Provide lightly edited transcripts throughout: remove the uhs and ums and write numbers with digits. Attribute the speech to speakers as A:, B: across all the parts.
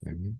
A: 네.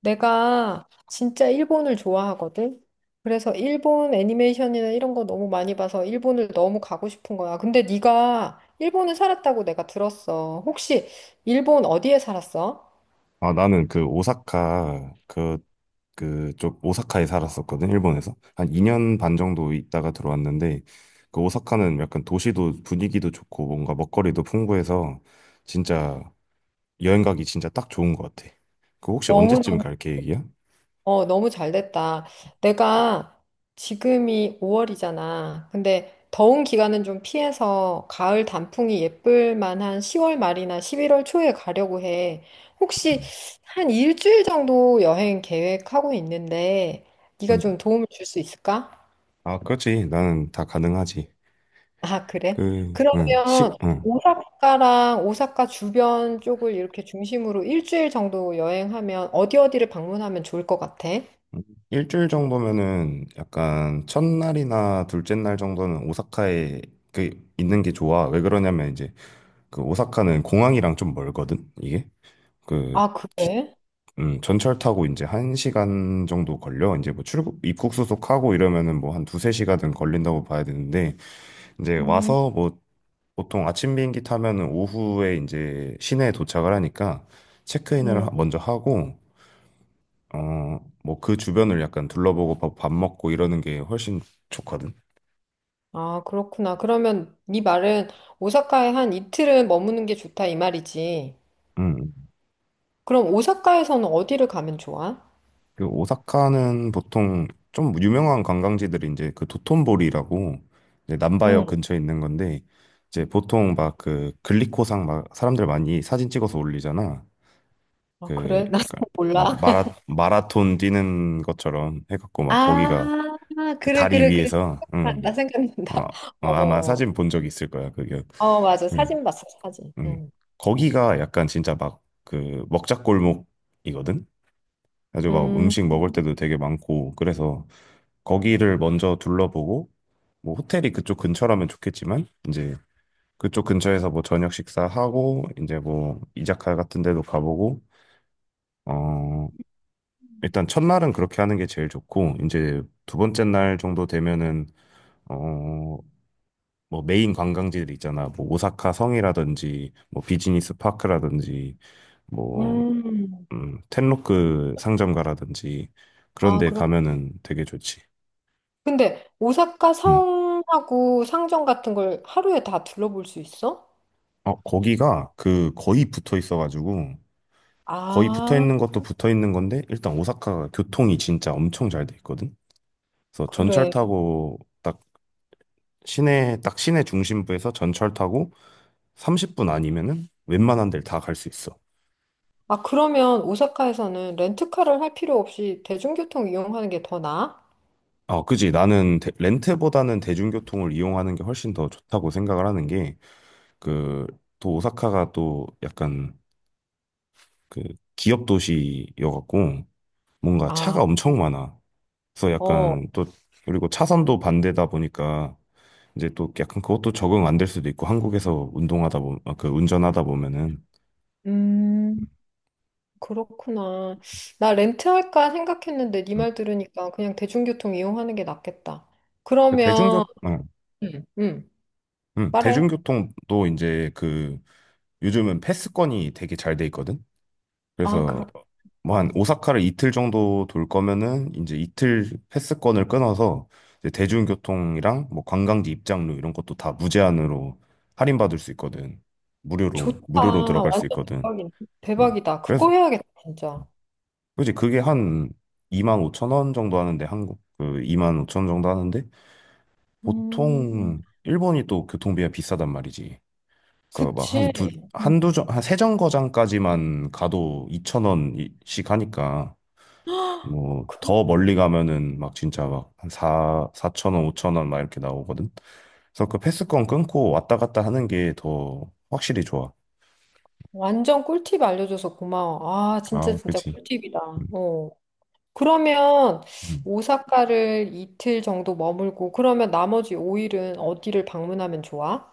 B: 내가 진짜 일본을 좋아하거든? 그래서 일본 애니메이션이나 이런 거 너무 많이 봐서 일본을 너무 가고 싶은 거야. 근데 네가 일본에 살았다고 내가 들었어. 혹시 일본 어디에 살았어?
A: 아, 나는 그 오사카 그쪽 오사카에 살았었거든, 일본에서. 한 2년 반 정도 있다가 들어왔는데 그 오사카는 약간 도시도 분위기도 좋고 뭔가 먹거리도 풍부해서 진짜 여행 가기 진짜 딱 좋은 것 같아. 그 혹시 언제쯤
B: 너무너무.
A: 갈 계획이야?
B: 너무 잘 됐다. 내가 지금이 5월이잖아. 근데 더운 기간은 좀 피해서 가을 단풍이 예쁠 만한 10월 말이나 11월 초에 가려고 해. 혹시 한 일주일 정도 여행 계획하고 있는데 네가
A: 음.
B: 좀 도움을 줄 수 있을까?
A: 아, 그렇지. 나는 다 가능하지.
B: 아, 그래?
A: 그, 응,
B: 그러면
A: 시, 응.
B: 오사카랑 오사카 주변 쪽을 이렇게 중심으로 일주일 정도 여행하면 어디 어디를 방문하면 좋을 것 같아?
A: 응. 일주일 정도면은 약간 첫날이나 둘째 날 정도는 오사카에 그 있는 게 좋아. 왜 그러냐면 이제 그 오사카는 공항이랑 좀 멀거든, 이게. 그,
B: 아, 그래?
A: 전철 타고 이제 한 시간 정도 걸려. 이제 뭐 출국, 입국 수속하고 이러면은 뭐 한 두세 시간은 걸린다고 봐야 되는데, 이제
B: 음.
A: 와서 뭐 보통 아침 비행기 타면은 오후에 이제 시내에 도착을 하니까 체크인을 먼저 하고, 어, 뭐 그 주변을 약간 둘러보고 밥 먹고 이러는 게 훨씬 좋거든.
B: 아, 그렇구나. 그러면 네 말은 오사카에 한 이틀은 머무는 게 좋다 이 말이지.
A: 음.
B: 그럼 오사카에서는 어디를 가면 좋아?
A: 그 오사카는 보통 좀 유명한 관광지들이 이제 그 도톤보리라고 이제 남바역
B: 응.
A: 근처에 있는 건데 이제 보통 막 그 글리코상 막 사람들 많이 사진 찍어서 올리잖아.
B: 아,
A: 그
B: 그래? 나
A: 약간
B: 몰라.
A: 막 마라톤 뛰는 것처럼 해갖고 막
B: 아,
A: 거기가 그
B: 그래,
A: 다리
B: 그래, 그래.
A: 위에서
B: 나
A: 응 어,
B: 생각난다.
A: 어, 아마
B: 어,
A: 사진 본 적 있을 거야. 그게.
B: 어, 맞아.
A: 예.
B: 사진 봤어, 사진.
A: 음. 거기가 약간 진짜 막 그 먹자골목이거든. 아주 막
B: 응.
A: 음식 먹을 때도 되게 많고 그래서 거기를 먼저 둘러보고 뭐 호텔이 그쪽 근처라면 좋겠지만 이제 그쪽 근처에서 뭐 저녁 식사하고 이제 뭐 이자카 같은 데도 가보고 어 일단 첫날은 그렇게 하는 게 제일 좋고 이제 두 번째 날 정도 되면은 어 뭐 메인 관광지들 있잖아. 뭐 오사카 성이라든지 뭐 비즈니스 파크라든지
B: 음,
A: 뭐
B: 음.
A: 텐로크 상점가라든지 그런
B: 아,
A: 데
B: 그렇.
A: 가면은 되게 좋지.
B: 근데 오사카
A: 음.
B: 성하고 상점 같은 걸 하루에 다 둘러볼 수 있어?
A: 어, 거기가 그 거의 붙어 있어가지고 거의 붙어
B: 아,
A: 있는 것도 붙어 있는 건데 일단 오사카가 교통이 진짜 엄청 잘 돼 있거든. 그래서 전철
B: 그래.
A: 타고 딱 시내 딱 시내 중심부에서 전철 타고 30분 아니면은 웬만한 데를 다 갈 수 있어.
B: 아, 그러면 오사카에서는 렌트카를 할 필요 없이 대중교통 이용하는 게 더 나아?
A: 어, 그지. 나는 대- 렌트보다는 대중교통을 이용하는 게 훨씬 더 좋다고 생각을 하는 게, 그, 또 오사카가 또 약간 그 기업 도시여갖고 뭔가
B: 아,
A: 차가 엄청 많아. 그래서
B: 어,
A: 약간 또 그리고 차선도 반대다 보니까 이제 또 약간 그것도 적응 안 될 수도 있고 한국에서 운동하다 보면 그 운전하다 보면은
B: 음, 그렇구나. 나 렌트할까 생각했는데 네
A: 음.
B: 말 들으니까 그냥 대중교통 이용하는 게 낫겠다.
A: 그
B: 그러면, 음, 음, 말해.
A: 대중교통도 이제 그 요즘은 패스권이 되게 잘 돼 있거든.
B: 아,
A: 그래서
B: 그렇,
A: 뭐 한
B: 음,
A: 오사카를 이틀 정도 돌 거면은 이제 이틀 패스권을 끊어서 이제 대중교통이랑 뭐 관광지 입장료 이런 것도 다 무제한으로 할인받을 수 있거든. 무료로,
B: 좋다.
A: 무료로 들어갈 수
B: 완전
A: 있거든. 음.
B: 대박이다.
A: 그래서
B: 그거 해야겠다, 진짜.
A: 그지 그게 한 2만 5천 원 정도 하는데 한국 그 이만 오천 원 정도 하는데
B: 음,
A: 보통 일본이 또 교통비가 비싸단 말이지. 그래서 막
B: 그치.
A: 한 두, 한두 정,
B: 음.
A: 한 세 정거장까지만 가도 2천 원씩 하니까 뭐 더 멀리 가면은 막 진짜 막 한 사 사천 원, 5천 원 막 이렇게 나오거든. 그래서 그 패스권 끊고 왔다 갔다 하는 게 더 확실히 좋아.
B: 완전 꿀팁 알려줘서 고마워. 아, 진짜,
A: 아,
B: 진짜
A: 그치.
B: 꿀팁이다.
A: 음,
B: 어. 그러면
A: 음.
B: 오사카를 이틀 정도 머물고 그러면 나머지 5일은 어디를 방문하면 좋아?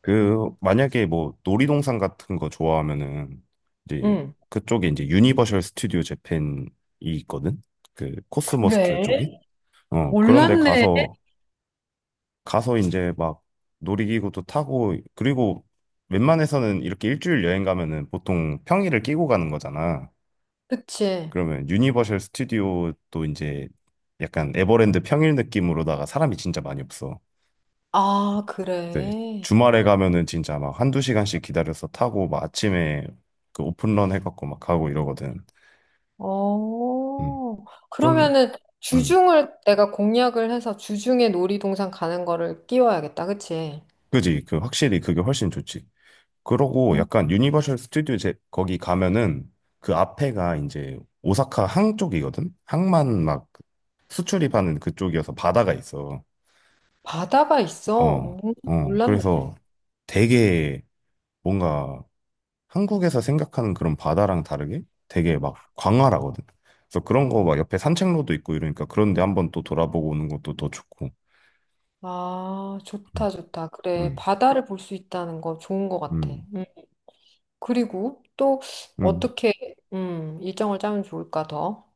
A: 그 만약에 뭐 놀이동산 같은 거 좋아하면은 이제
B: 응.
A: 그쪽에 이제 유니버셜 스튜디오 재팬이 있거든. 그
B: 그래?
A: 코스모스퀘어 쪽에. 어, 그런데
B: 몰랐네.
A: 가서 이제 막 놀이기구도 타고 그리고 웬만해서는 이렇게 일주일 여행 가면은 보통 평일을 끼고 가는 거잖아.
B: 그치.
A: 그러면 유니버셜 스튜디오도 이제 약간 에버랜드 평일 느낌으로다가 사람이 진짜 많이 없어.
B: 아,
A: 네.
B: 그래.
A: 주말에 가면은 진짜 막 한두 시간씩 기다려서 타고 막 아침에 그 오픈런 해갖고 막 가고 이러거든. 음.
B: 어.
A: 좀,
B: 그러면은
A: 음.
B: 주중을 내가 공략을 해서 주중에 놀이동산 가는 거를 끼워야겠다, 그치?
A: 그지. 그 확실히 그게 훨씬 좋지. 그러고
B: 응.
A: 약간 유니버셜 스튜디오 거기 가면은 그 앞에가 이제 오사카 항 쪽이거든? 항만 막 수출입하는 그쪽이어서 바다가 있어.
B: 바다가 있어?
A: 어, 어.
B: 몰랐네.
A: 그래서 되게 뭔가 한국에서 생각하는 그런 바다랑 다르게 되게 막 광활하거든. 그래서 그런 거 막 옆에 산책로도 있고 이러니까 그런데 한번 또 돌아보고 오는 것도 더 좋고.
B: 아,
A: 음,
B: 좋다, 좋다. 그래.
A: 음,
B: 바다를 볼 수 있다는 거 좋은 거 같아.
A: 음.
B: 응. 그리고 또
A: 음.
B: 어떻게 일정을 짜면 좋을까 더?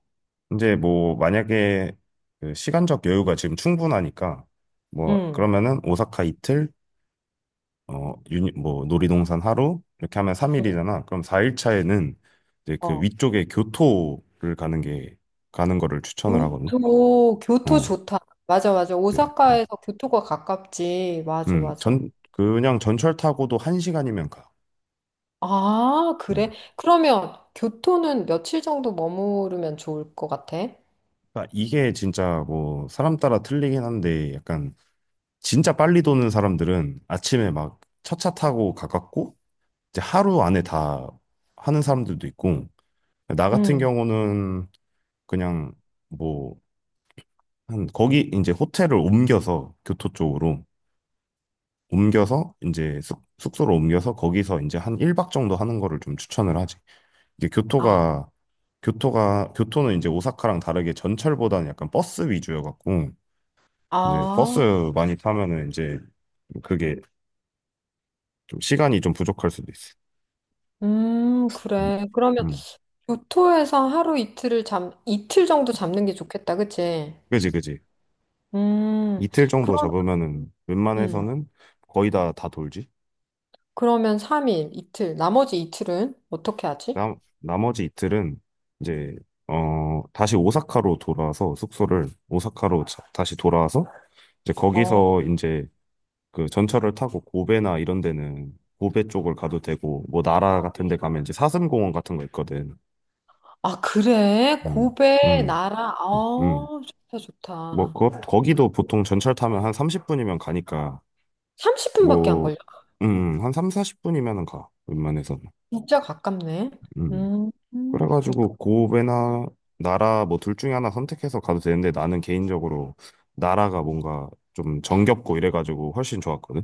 A: 이제 뭐 만약에 그 시간적 여유가 지금 충분하니까 뭐
B: 음,
A: 그러면은 오사카 이틀, 어, 뭐 놀이동산 하루 이렇게 하면
B: 음,
A: 3일이잖아. 그럼 4일 차에는 이제 그
B: 어.
A: 위쪽에 교토를 가는 거를 추천을 하거든.
B: 교토, 교토
A: 어.
B: 좋다. 맞아, 맞아.
A: 네.
B: 오사카에서 교토가 가깝지. 맞아, 맞아.
A: 그냥 전철 타고도 한 시간이면 가.
B: 아, 그래?
A: 음.
B: 그러면 교토는 며칠 정도 머무르면 좋을 것 같아?
A: 그러니까 이게 진짜 뭐 사람 따라 틀리긴 한데 약간 진짜 빨리 도는 사람들은 아침에 막 첫 차 타고 가깝고 이제 하루 안에 다 하는 사람들도 있고 나 같은
B: 음.
A: 경우는 그냥 뭐 한 거기 이제 호텔을 옮겨서 교토 쪽으로 옮겨서 이제 숙소로 옮겨서 거기서 이제 한 1박 정도 하는 거를 좀 추천을 하지. 이제
B: 아,
A: 교토가 교토가 교토는 이제 오사카랑 다르게 전철보다는 약간 버스 위주여갖고 이제 버스
B: 아,
A: 많이 타면은 이제 그게 좀 시간이 좀 부족할 수도 있어. 음.
B: 그래. 그러면
A: 음.
B: 교토에서 이틀 정도 잡는 게 좋겠다, 그치?
A: 그지 그지.
B: 음,
A: 이틀 정도
B: 그럼,
A: 잡으면은
B: 음.
A: 웬만해서는 거의 다 돌지.
B: 그러면 3일, 이틀, 나머지 이틀은 어떻게 하지?
A: 나 나머지 이틀은 이제 어 다시 오사카로 돌아와서 숙소를 오사카로 다시 돌아와서 이제
B: 어,
A: 거기서 이제 그 전철을 타고 고베나 이런 데는 고베 쪽을 가도 되고 뭐 나라 같은 데 가면 이제 사슴공원 같은 거 있거든.
B: 아, 그래?
A: 음.
B: 고베,
A: 음.
B: 나라,
A: 음.
B: 어, 좋다,
A: 뭐
B: 좋다.
A: 거기도 보통 전철 타면 한 30분이면 가니까
B: 30분밖에 안
A: 뭐
B: 걸려.
A: 한 3, 40분이면은 가. 웬만해서는.
B: 진짜 가깝네.
A: 음.
B: 음, 음, 그-
A: 그래가지고 고베나 나라 뭐 둘 중에 하나 선택해서 가도 되는데 나는 개인적으로 나라가 뭔가 좀 정겹고 이래가지고 훨씬 좋았거든.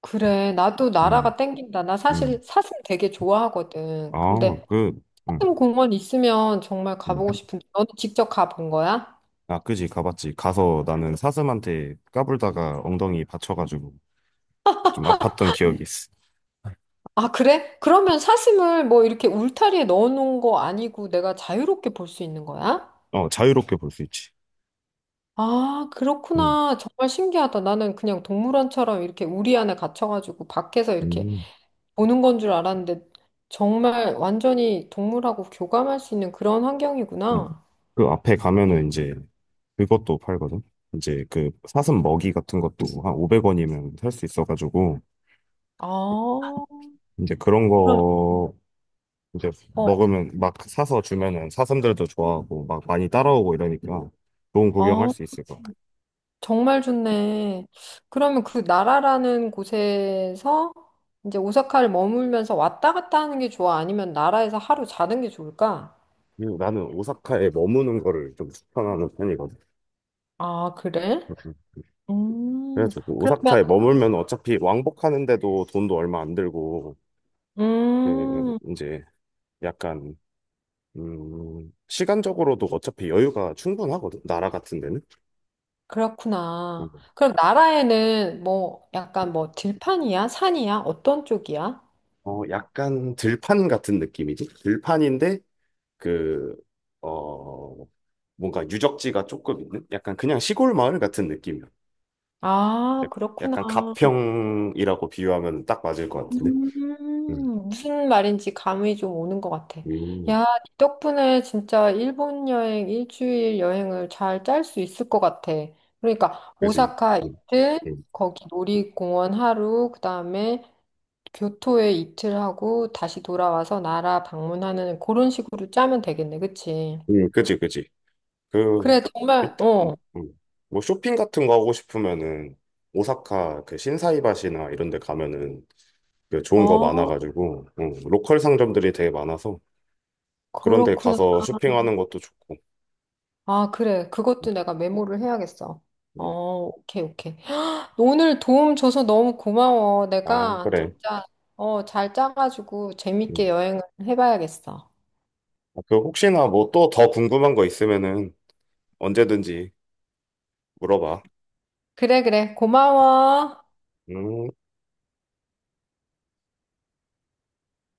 B: 그래. 나도
A: 음.
B: 나라가 땡긴다. 나
A: 음.
B: 사실 사슴 되게 좋아하거든.
A: 아,
B: 근데
A: 그 음.
B: 사슴 공원 있으면 정말
A: 음.
B: 가보고 싶은데, 너는 직접 가본 거야?
A: 아, 그지, 가봤지. 가서 나는 사슴한테 까불다가 엉덩이 받쳐가지고 좀 아팠던 기억이 있어.
B: 아, 그래? 그러면 사슴을 뭐 이렇게 울타리에 넣어놓은 거 아니고 내가 자유롭게 볼 수 있는 거야?
A: 어, 자유롭게 볼 수 있지.
B: 아,
A: 응.
B: 그렇구나. 정말 신기하다. 나는 그냥 동물원처럼 이렇게 우리 안에 갇혀가지고 밖에서 이렇게
A: 음.
B: 보는 건 줄 알았는데 정말 완전히 동물하고 교감할 수 있는 그런
A: 음.
B: 환경이구나.
A: 그 앞에 가면은 이제 그것도 팔거든. 이제 그 사슴 먹이 같은 것도 한 500원이면 살 수 있어가지고
B: 아,
A: 이제 그런
B: 그럼,
A: 거 이제
B: 어,
A: 먹으면 막 사서 주면은 사슴들도 좋아하고 막 많이 따라오고 이러니까 좋은 구경할
B: 아,
A: 수 있을 것 같아.
B: 정말 좋네. 그러면 그 나라라는 곳에서 이제 오사카를 머물면서 왔다 갔다 하는 게 좋아? 아니면 나라에서 하루 자는 게 좋을까?
A: 그리고 나는 오사카에 머무는 거를 좀 추천하는 편이거든.
B: 아, 그래? 음,
A: 그래가지고 그
B: 그러면,
A: 오사카에 머물면 어차피 왕복하는데도 돈도 얼마 안 들고 그
B: 음.
A: 이제 약간 시간적으로도 어차피 여유가 충분하거든 나라 같은 데는
B: 그렇구나. 그럼 나라에는 뭐 약간 뭐 들판이야? 산이야? 어떤 쪽이야?
A: 어 약간 들판 같은 느낌이지 들판인데 그어 뭔가 유적지가 조금 있는 약간 그냥 시골 마을 같은 느낌이야
B: 아,
A: 약-
B: 그렇구나.
A: 약간 가평이라고 비유하면 딱 맞을 것 같은데 음,
B: 무슨 말인지 감이 좀 오는 것 같아.
A: 음
B: 야, 이 덕분에 진짜 일본 여행, 일주일 여행을 잘 짤 수 있을 것 같아. 그러니까
A: 그지
B: 오사카
A: 음,
B: 이틀,
A: 음,
B: 거기 놀이공원 하루, 그다음에 교토에 이틀 하고 다시 돌아와서 나라 방문하는 그런 식으로 짜면 되겠네, 그치?
A: 그지 그지 그
B: 그래, 정말,
A: 일단
B: 어.
A: 뭐 쇼핑 같은 거 하고 싶으면은 오사카 그 신사이바시나 이런 데 가면은 그 좋은 거
B: 아,
A: 많아가지고 로컬 상점들이 되게 많아서 그런 데
B: 그렇구나.
A: 가서 쇼핑하는 것도 좋고
B: 아, 그래.
A: 음,
B: 그것도 내가 메모를 해야겠어. 어,
A: 음.
B: 오케이, 오케이. 오늘 도움 줘서 너무 고마워.
A: 아
B: 내가
A: 그래
B: 진짜, 잘 짜가지고
A: 음.
B: 재밌게 여행을 해봐야겠어.
A: 아, 그 혹시나 뭐 또 더 궁금한 거 있으면은 언제든지 물어봐
B: 그래, 그래. 고마워.
A: 음